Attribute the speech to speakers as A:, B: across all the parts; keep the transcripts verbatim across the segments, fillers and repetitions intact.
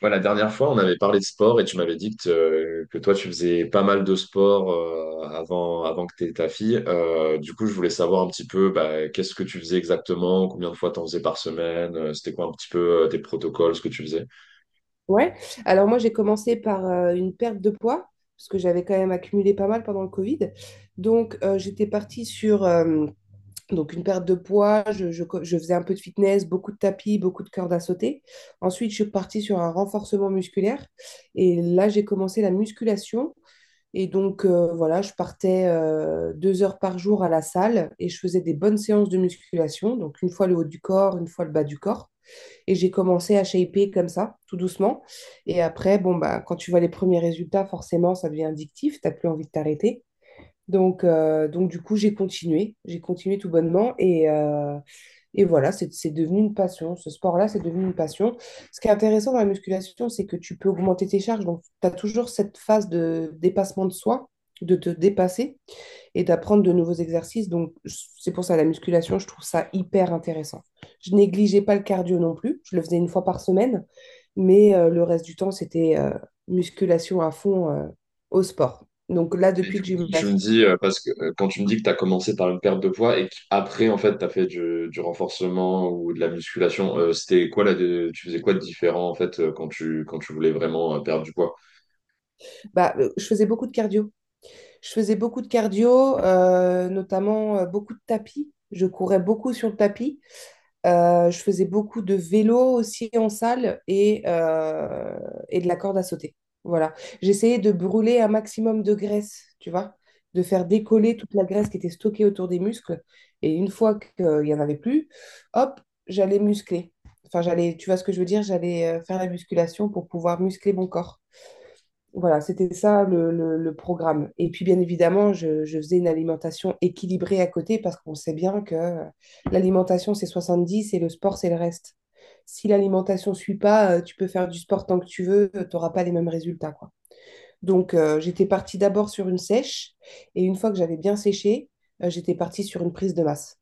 A: Ouais, la dernière fois, on avait parlé de sport et tu m'avais dit que, euh, que toi, tu faisais pas mal de sport euh, avant, avant que tu aies ta fille. Euh, du coup, je voulais savoir un petit peu bah, qu'est-ce que tu faisais exactement, combien de fois tu en faisais par semaine, euh, c'était quoi un petit peu euh, tes protocoles, ce que tu faisais.
B: Ouais. Alors moi, j'ai commencé par euh, une perte de poids, parce que j'avais quand même accumulé pas mal pendant le Covid. Donc, euh, j'étais partie sur euh, donc une perte de poids. Je, je co- je faisais un peu de fitness, beaucoup de tapis, beaucoup de cordes à sauter. Ensuite, je suis partie sur un renforcement musculaire. Et là, j'ai commencé la musculation. Et donc, euh, voilà, je partais euh, deux heures par jour à la salle et je faisais des bonnes séances de musculation. Donc, une fois le haut du corps, une fois le bas du corps. Et j'ai commencé à shaper comme ça, tout doucement. Et après, bon, bah, quand tu vois les premiers résultats, forcément, ça devient addictif, t'as plus envie de t'arrêter. Donc, euh, donc du coup, j'ai continué, j'ai continué tout bonnement et, euh, et voilà, c'est c'est devenu une passion. Ce sport-là, c'est devenu une passion. Ce qui est intéressant dans la musculation, c'est que tu peux augmenter tes charges. Donc, tu as toujours cette phase de dépassement de soi, de te dépasser et d'apprendre de nouveaux exercices. Donc, c'est pour ça la musculation, je trouve ça hyper intéressant. Je négligeais pas le cardio non plus, je le faisais une fois par semaine, mais euh, le reste du temps, c'était euh, musculation à fond euh, au sport. Donc là,
A: Et
B: depuis
A: du
B: que
A: coup,
B: j'ai eu
A: quand
B: ma
A: tu me
B: fille,
A: dis, euh, parce que euh, quand tu me dis que tu as commencé par une perte de poids et qu'après, en fait, tu as fait du, du renforcement ou de la musculation, euh, c'était quoi là, tu faisais quoi de différent en fait euh, quand tu, quand tu voulais vraiment euh, perdre du poids?
B: bah, euh, je faisais beaucoup de cardio. Je faisais beaucoup de cardio, euh, notamment euh, beaucoup de tapis. Je courais beaucoup sur le tapis. Euh, je faisais beaucoup de vélo aussi en salle et, euh, et de la corde à sauter. Voilà. J'essayais de brûler un maximum de graisse, tu vois, de faire décoller toute la graisse qui était stockée autour des muscles. Et une fois qu'il n'y en avait plus, hop, j'allais muscler. Enfin, j'allais, tu vois ce que je veux dire, j'allais euh, faire la musculation pour pouvoir muscler mon corps. Voilà, c'était ça le, le- le programme. Et puis, bien évidemment, je, je faisais une alimentation équilibrée à côté parce qu'on sait bien que euh, l'alimentation, c'est soixante-dix et le sport, c'est le reste. Si l'alimentation ne suit pas, euh, tu peux faire du sport tant que tu veux, tu n'auras pas les mêmes résultats, quoi. Donc, euh, j'étais partie d'abord sur une sèche et une fois que j'avais bien séché, euh, j'étais partie sur une prise de masse.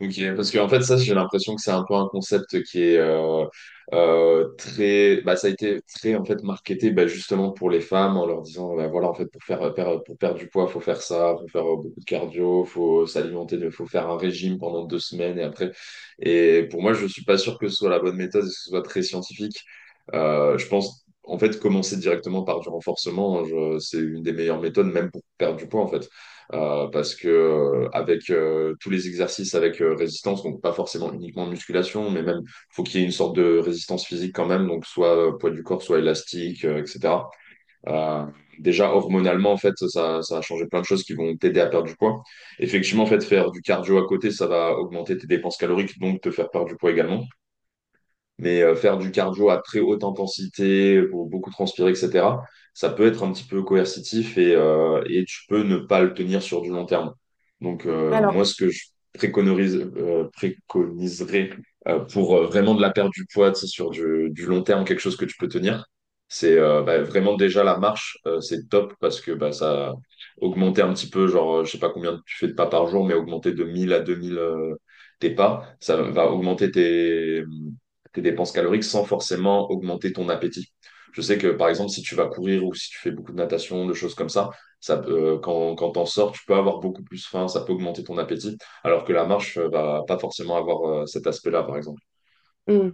A: Ok, parce qu'en fait, ça, j'ai l'impression que c'est un peu un concept qui est euh, euh, très, bah, ça a été très en fait marketé, bah, justement pour les femmes en leur disant, bah, voilà, en fait, pour faire, per- pour perdre du poids, faut faire ça, faut faire euh, beaucoup de cardio, faut s'alimenter, de- faut faire un régime pendant deux semaines et après. Et pour moi, je suis pas sûr que ce soit la bonne méthode et que ce soit très scientifique. Euh, je pense, en fait, commencer directement par du renforcement, hein, je- c'est une des meilleures méthodes, même pour perdre du poids, en fait. Euh, parce que euh, avec euh, tous les exercices avec euh, résistance, donc pas forcément uniquement de musculation, mais même faut qu'il y ait une sorte de résistance physique quand même, donc soit euh, poids du corps, soit élastique, euh, et cetera. Euh, Déjà hormonalement en fait, ça, ça a changé plein de choses qui vont t'aider à perdre du poids. Effectivement, en fait, faire du cardio à côté, ça va augmenter tes dépenses caloriques, donc te faire perdre du poids également. Mais euh, faire du cardio à très haute intensité, euh, pour beaucoup transpirer, et cetera, ça peut être un petit peu coercitif et, euh, et tu peux ne pas le tenir sur du long terme. Donc, euh, moi,
B: Alors,
A: ce que je préconise, euh, préconiserais euh, pour euh, vraiment de la perte du poids, tu sais, sur du, du long terme, quelque chose que tu peux tenir, c'est euh, bah, vraiment déjà la marche, euh, c'est top parce que bah, ça augmenter un petit peu, genre, euh, je sais pas combien tu fais de pas par jour, mais augmenter de mille à deux mille euh, tes pas, ça va augmenter tes tes dépenses caloriques sans forcément augmenter ton appétit. Je sais que par exemple, si tu vas courir ou si tu fais beaucoup de natation, de choses comme ça, ça peut, euh, quand, quand t'en sors, tu peux avoir beaucoup plus faim, ça peut augmenter ton appétit, alors que la marche euh, va pas forcément avoir euh, cet aspect-là, par exemple.
B: hum,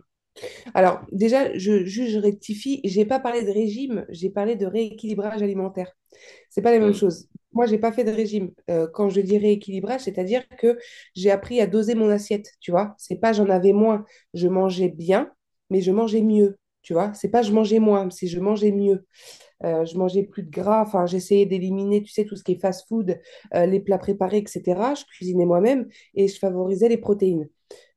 B: alors déjà, je, juste, je rectifie, j'ai pas parlé de régime, j'ai parlé de rééquilibrage alimentaire. C'est pas la même
A: Hmm.
B: chose. Moi, j'ai pas fait de régime. Euh, quand je dis rééquilibrage, c'est-à-dire que j'ai appris à doser mon assiette, tu vois. C'est pas j'en avais moins, je mangeais bien, mais je mangeais mieux, tu vois. C'est pas je mangeais moins, c'est je mangeais mieux. Euh, je mangeais plus de gras, enfin, j'essayais d'éliminer, tu sais, tout ce qui est fast-food, euh, les plats préparés, et cetera. Je cuisinais moi-même et je favorisais les protéines.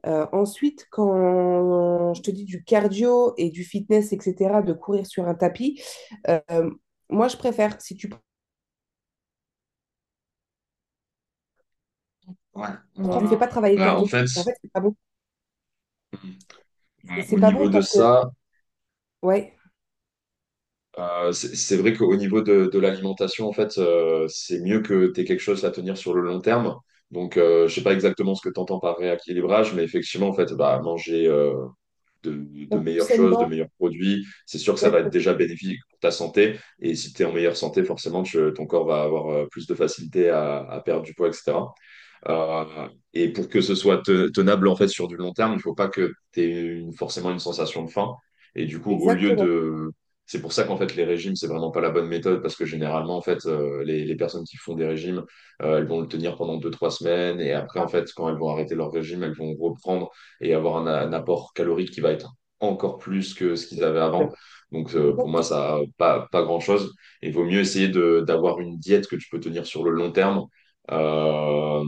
B: Euh, ensuite, quand je te dis du cardio et du fitness, et cetera, de courir sur un tapis, euh, moi, je préfère, si tu
A: Ouais.
B: je lui
A: Euh,
B: fais pas travailler le
A: bah, en
B: cardio.
A: fait,
B: En fait, c'est pas bon. C'est
A: euh,
B: c'est
A: au
B: pas
A: niveau
B: bon
A: de
B: parce que,
A: ça,
B: ouais,
A: euh, c'est c'est vrai qu'au niveau de, de l'alimentation, en fait, euh, c'est mieux que tu aies quelque chose à tenir sur le long terme. Donc, euh, je sais pas exactement ce que tu entends par rééquilibrage, mais effectivement, en fait, bah, manger, de, de,
B: un plus
A: meilleures choses, de
B: sainement,
A: meilleurs produits. C'est sûr que ça va être
B: exact-
A: déjà bénéfique pour ta santé. Et si tu es en meilleure santé, forcément, tu, ton corps va avoir euh, plus de facilité à, à perdre du poids, et cetera. Euh, et pour que ce soit te- tenable en fait sur du long terme, il faut pas que tu aies forcément une sensation de faim. Et du coup, au lieu
B: exactement.
A: de... C'est pour ça qu'en fait les régimes, c'est vraiment pas la bonne méthode parce que généralement en fait euh, les, les personnes qui font des régimes, euh, elles vont le tenir pendant deux trois semaines et après en fait quand elles vont arrêter leur régime, elles vont reprendre et avoir un, un apport calorique qui va être encore plus que ce qu'ils avaient avant. Donc euh, pour moi
B: Exactement.
A: ça a pas pas grand-chose. Il vaut mieux essayer de d'avoir une diète que tu peux tenir sur le long terme. Euh,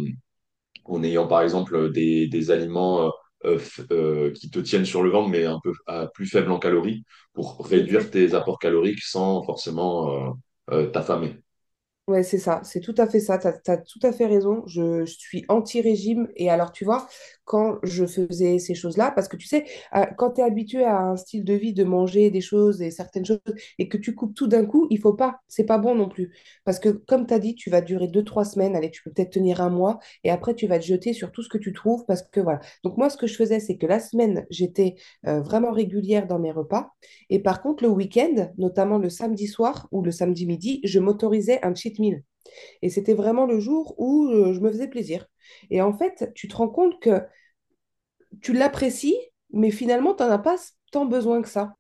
A: En ayant par exemple des, des aliments euh, euh, f- euh, qui te tiennent sur le ventre, mais un peu à plus faible en calories, pour réduire tes apports caloriques sans forcément euh, euh, t'affamer.
B: Ouais, c'est ça, c'est tout à fait ça, t'as, t'as tout à fait raison, je, je suis anti-régime et alors tu vois, quand je faisais ces choses-là, parce que tu sais, euh, quand tu es habitué à un style de vie de manger des choses et certaines choses et que tu coupes tout d'un coup, il faut pas, c'est pas bon non plus, parce que comme tu as dit, tu vas durer deux, trois semaines, allez, tu peux peut-être tenir un mois et après tu vas te jeter sur tout ce que tu trouves parce que voilà. Donc moi, ce que je faisais, c'est que la semaine, j'étais euh, vraiment régulière dans mes repas et par contre, le week-end, notamment le samedi soir ou le samedi midi, je m'autorisais un cheat meal. Et c'était vraiment le jour où euh, je me faisais plaisir. Et en fait, tu te rends compte que tu l'apprécies, mais finalement, tu n'en as pas tant besoin que ça.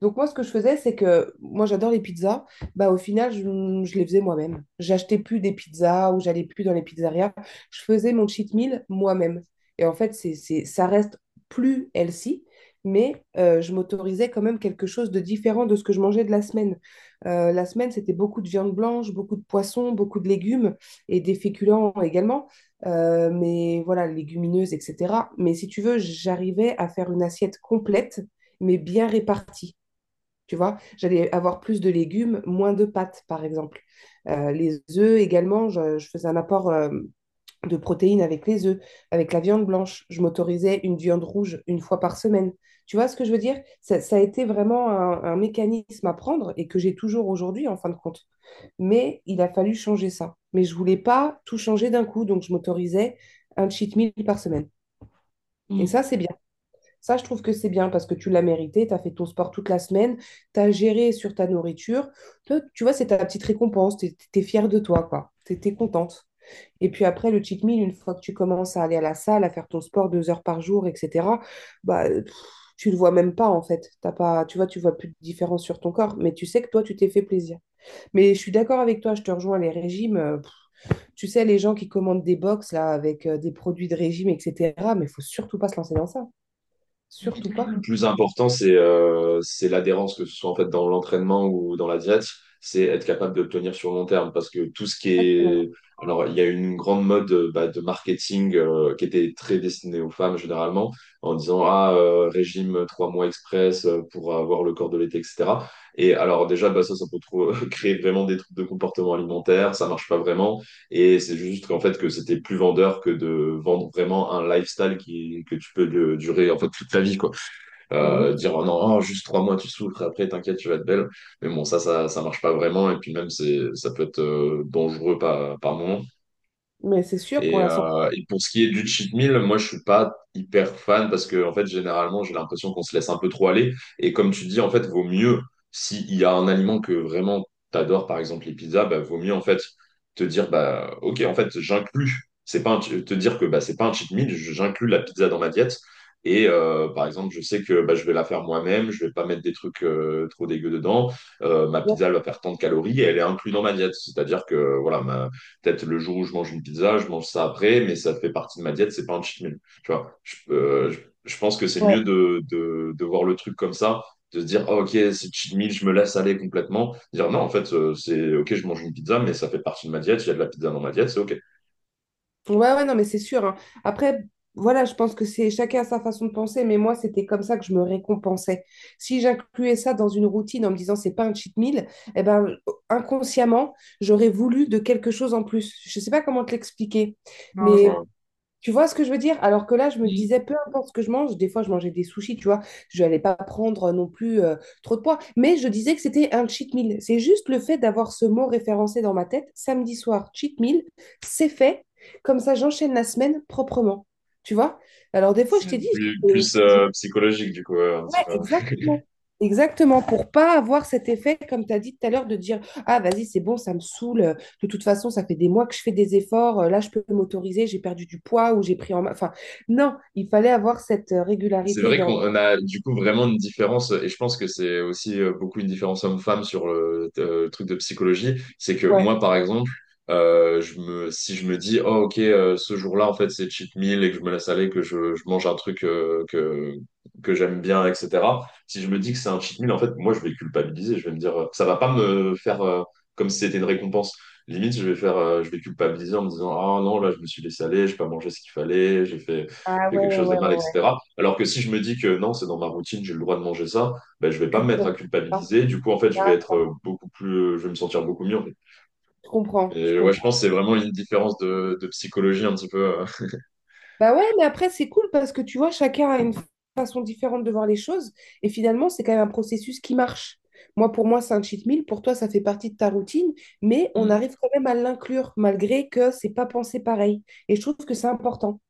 B: Donc moi, ce que je faisais, c'est que moi, j'adore les pizzas. Bah, au final, je, je les faisais moi-même. J'achetais plus des pizzas ou j'allais plus dans les pizzerias. Je faisais mon cheat meal moi-même. Et en fait, c'est, c'est, ça reste plus healthy, mais euh, je m'autorisais quand même quelque chose de différent de ce que je mangeais de la semaine. Euh, la semaine, c'était beaucoup de viande blanche, beaucoup de poissons, beaucoup de légumes et des féculents également, euh, mais voilà, légumineuses, et cetera. Mais si tu veux, j'arrivais à faire une assiette complète, mais bien répartie. Tu vois, j'allais avoir plus de légumes, moins de pâtes, par exemple. Euh, les œufs également, je, je faisais un apport euh, de protéines avec les œufs, avec la viande blanche. Je m'autorisais une viande rouge une fois par semaine. Tu vois ce que je veux dire? Ça, ça a été vraiment un, un mécanisme à prendre et que j'ai toujours aujourd'hui, en fin de compte. Mais il a fallu changer ça. Mais je voulais pas tout changer d'un coup, donc je m'autorisais un cheat meal par semaine. Et ça, c'est bien. Ça, je trouve que c'est bien parce que tu l'as mérité, tu as fait ton sport toute la semaine, tu as géré sur ta nourriture. Toi, tu vois, c'est ta petite récompense, tu es fière de toi, quoi. Tu es contente. Et puis après, le cheat meal, une fois que tu commences à aller à la salle, à faire ton sport deux heures par jour, et cetera, bah, pff, tu le vois même pas, en fait. T'as pas, tu vois, tu vois plus de différence sur ton corps, mais tu sais que toi, tu t'es fait plaisir. Mais je suis d'accord avec toi, je te rejoins, les régimes, euh, pff, tu sais, les gens qui commandent des box là avec euh, des produits de régime, et cetera. Mais il faut surtout pas se lancer dans ça. Surtout pas.
A: Le plus important, c'est euh, c'est l'adhérence, que ce soit en fait dans l'entraînement ou dans la diète, c'est être capable de le tenir sur le long terme. Parce que tout ce qui
B: Exactement.
A: est. Alors, il y a une grande mode euh, bah, de marketing euh, qui était très destinée aux femmes généralement, en disant ah, euh, régime trois mois express euh, pour avoir le corps de l'été, et cetera. Et alors, déjà, bah, ça, ça peut trop- créer vraiment des troubles de comportement alimentaire, ça marche pas vraiment. Et c'est juste qu'en fait, que c'était plus vendeur que de vendre vraiment un lifestyle qui, que tu peux euh, durer en fait toute ta vie, quoi euh,
B: Exact-
A: dire oh non, oh, juste trois mois tu souffres, après t'inquiète, tu vas être belle. Mais bon, ça, ça, ça marche pas vraiment. Et puis même, c'est, ça peut être euh, dangereux par, par moment.
B: Mais c'est sûr pour
A: Et,
B: la santé.
A: euh, et pour ce qui est du cheat meal, moi je suis pas hyper fan parce que en fait généralement j'ai l'impression qu'on se laisse un peu trop aller. Et comme tu dis, en fait, vaut mieux s'il y a un aliment que vraiment t'adores, par exemple les pizzas, bah, vaut mieux en fait te dire bah ok en fait j'inclus. C'est pas un ch- te dire que bah c'est pas un cheat meal, je- j'inclus la pizza dans ma diète. Et euh, par exemple, je sais que bah, je vais la faire moi-même, je vais pas mettre des trucs euh, trop dégueux dedans. Euh, ma
B: Ouais,
A: pizza elle va faire tant de calories et elle est inclue dans ma diète. C'est-à-dire que voilà, ma, Peut-être le jour où je mange une pizza, je mange ça après, mais ça fait partie de ma diète, c'est pas un cheat meal. Tu vois, je, euh, je, je pense que c'est
B: ouais,
A: mieux de, de, de voir le truc comme ça, de se dire, ah, ok, c'est cheat meal, je me laisse aller complètement. Dire, non, en fait, euh, c'est ok, je mange une pizza, mais ça fait partie de ma diète, il y a de la pizza dans ma diète, c'est ok.
B: ouais, non, mais c'est sûr, hein. Après, voilà, je pense que c'est chacun a sa façon de penser, mais moi, c'était comme ça que je me récompensais. Si j'incluais ça dans une routine en me disant c'est pas un cheat meal, eh ben, inconsciemment, j'aurais voulu de quelque chose en plus. Je sais pas comment te l'expliquer,
A: Non, je
B: mais
A: vois.
B: tu vois ce que je veux dire? Alors que là, je me
A: Oui,
B: disais, peu importe ce que je mange, des fois, je mangeais des sushis, tu vois, je n'allais pas prendre euh, non plus euh, trop de poids. Mais je disais que c'était un cheat meal. C'est juste le fait d'avoir ce mot référencé dans ma tête, samedi soir, cheat meal, c'est fait. Comme ça, j'enchaîne la semaine proprement. Tu vois? Alors des fois, je
A: c'est
B: t'ai dit,
A: plus, plus euh, psychologique, du coup, euh, un
B: ouais,
A: petit peu.
B: exactement. Exactement, pour pas avoir cet effet, comme tu as dit tout à l'heure, de dire, ah, vas-y, c'est bon, ça me saoule. De toute façon, ça fait des mois que je fais des efforts. Euh, Là, je peux m'autoriser, j'ai perdu du poids ou j'ai pris en main. Enfin, non, il fallait avoir cette euh,
A: C'est
B: régularité
A: vrai
B: dans...
A: qu'on
B: dans-
A: a du coup vraiment une différence, et je pense que c'est aussi euh, beaucoup une différence homme-femme sur le, euh, le truc de psychologie. C'est que
B: Ouais.
A: moi, par exemple, euh, je me, si je me dis, oh ok, euh, ce jour-là, en fait, c'est cheat meal et que je me laisse aller, que je, je mange un truc euh, que, que j'aime bien, et cetera. Si je me dis que c'est un cheat meal, en fait, moi, je vais culpabiliser. Je vais me dire, euh, ça va pas me faire euh, comme si c'était une récompense. Limite, je vais faire, euh, je vais culpabiliser en me disant, ah non, là, je me suis laissé aller, j'ai pas mangé ce qu'il fallait, j'ai fait
B: Ah,
A: fait
B: ouais,
A: quelque chose de
B: ouais, ouais,
A: mal,
B: ouais, ouais.
A: et cetera. Alors que si je me dis que non, c'est dans ma routine, j'ai le droit de manger ça, ben, je
B: Tu
A: vais pas me mettre à
B: culpabilises, hein.
A: culpabiliser. Du coup, en fait, je vais être
B: Ah,
A: euh, beaucoup plus, euh, je vais me sentir beaucoup mieux en fait.
B: je comprends, je
A: Et ouais, je
B: comprends.
A: pense que c'est vraiment une différence de, de psychologie un petit peu. euh.
B: Bah ouais, mais après, c'est cool parce que tu vois, chacun a une façon différente de voir les choses. Et finalement, c'est quand même un processus qui marche. Moi, pour moi, c'est un cheat meal. Pour toi, ça fait partie de ta routine. Mais on
A: Mm.
B: arrive quand même à l'inclure, malgré que c'est pas pensé pareil. Et je trouve que c'est important.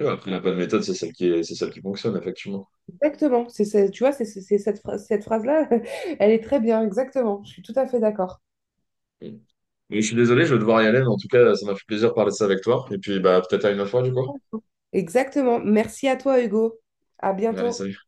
A: Ouais, après, la bonne méthode, c'est celle qui est, c'est celle qui fonctionne, effectivement.
B: Exactement. C'est, c'est- tu vois, c'est, c'est- c'est cette phrase, cette phrase-là, elle est très bien. Exactement. Je suis tout à fait d'accord.
A: Mm. Mais je suis désolé, je vais devoir y aller, mais en tout cas, ça m'a fait plaisir de parler de ça avec toi. Et puis, bah, peut-être à une autre fois, du coup.
B: Exactement. Merci à toi, Hugo. À
A: Allez,
B: bientôt.
A: salut.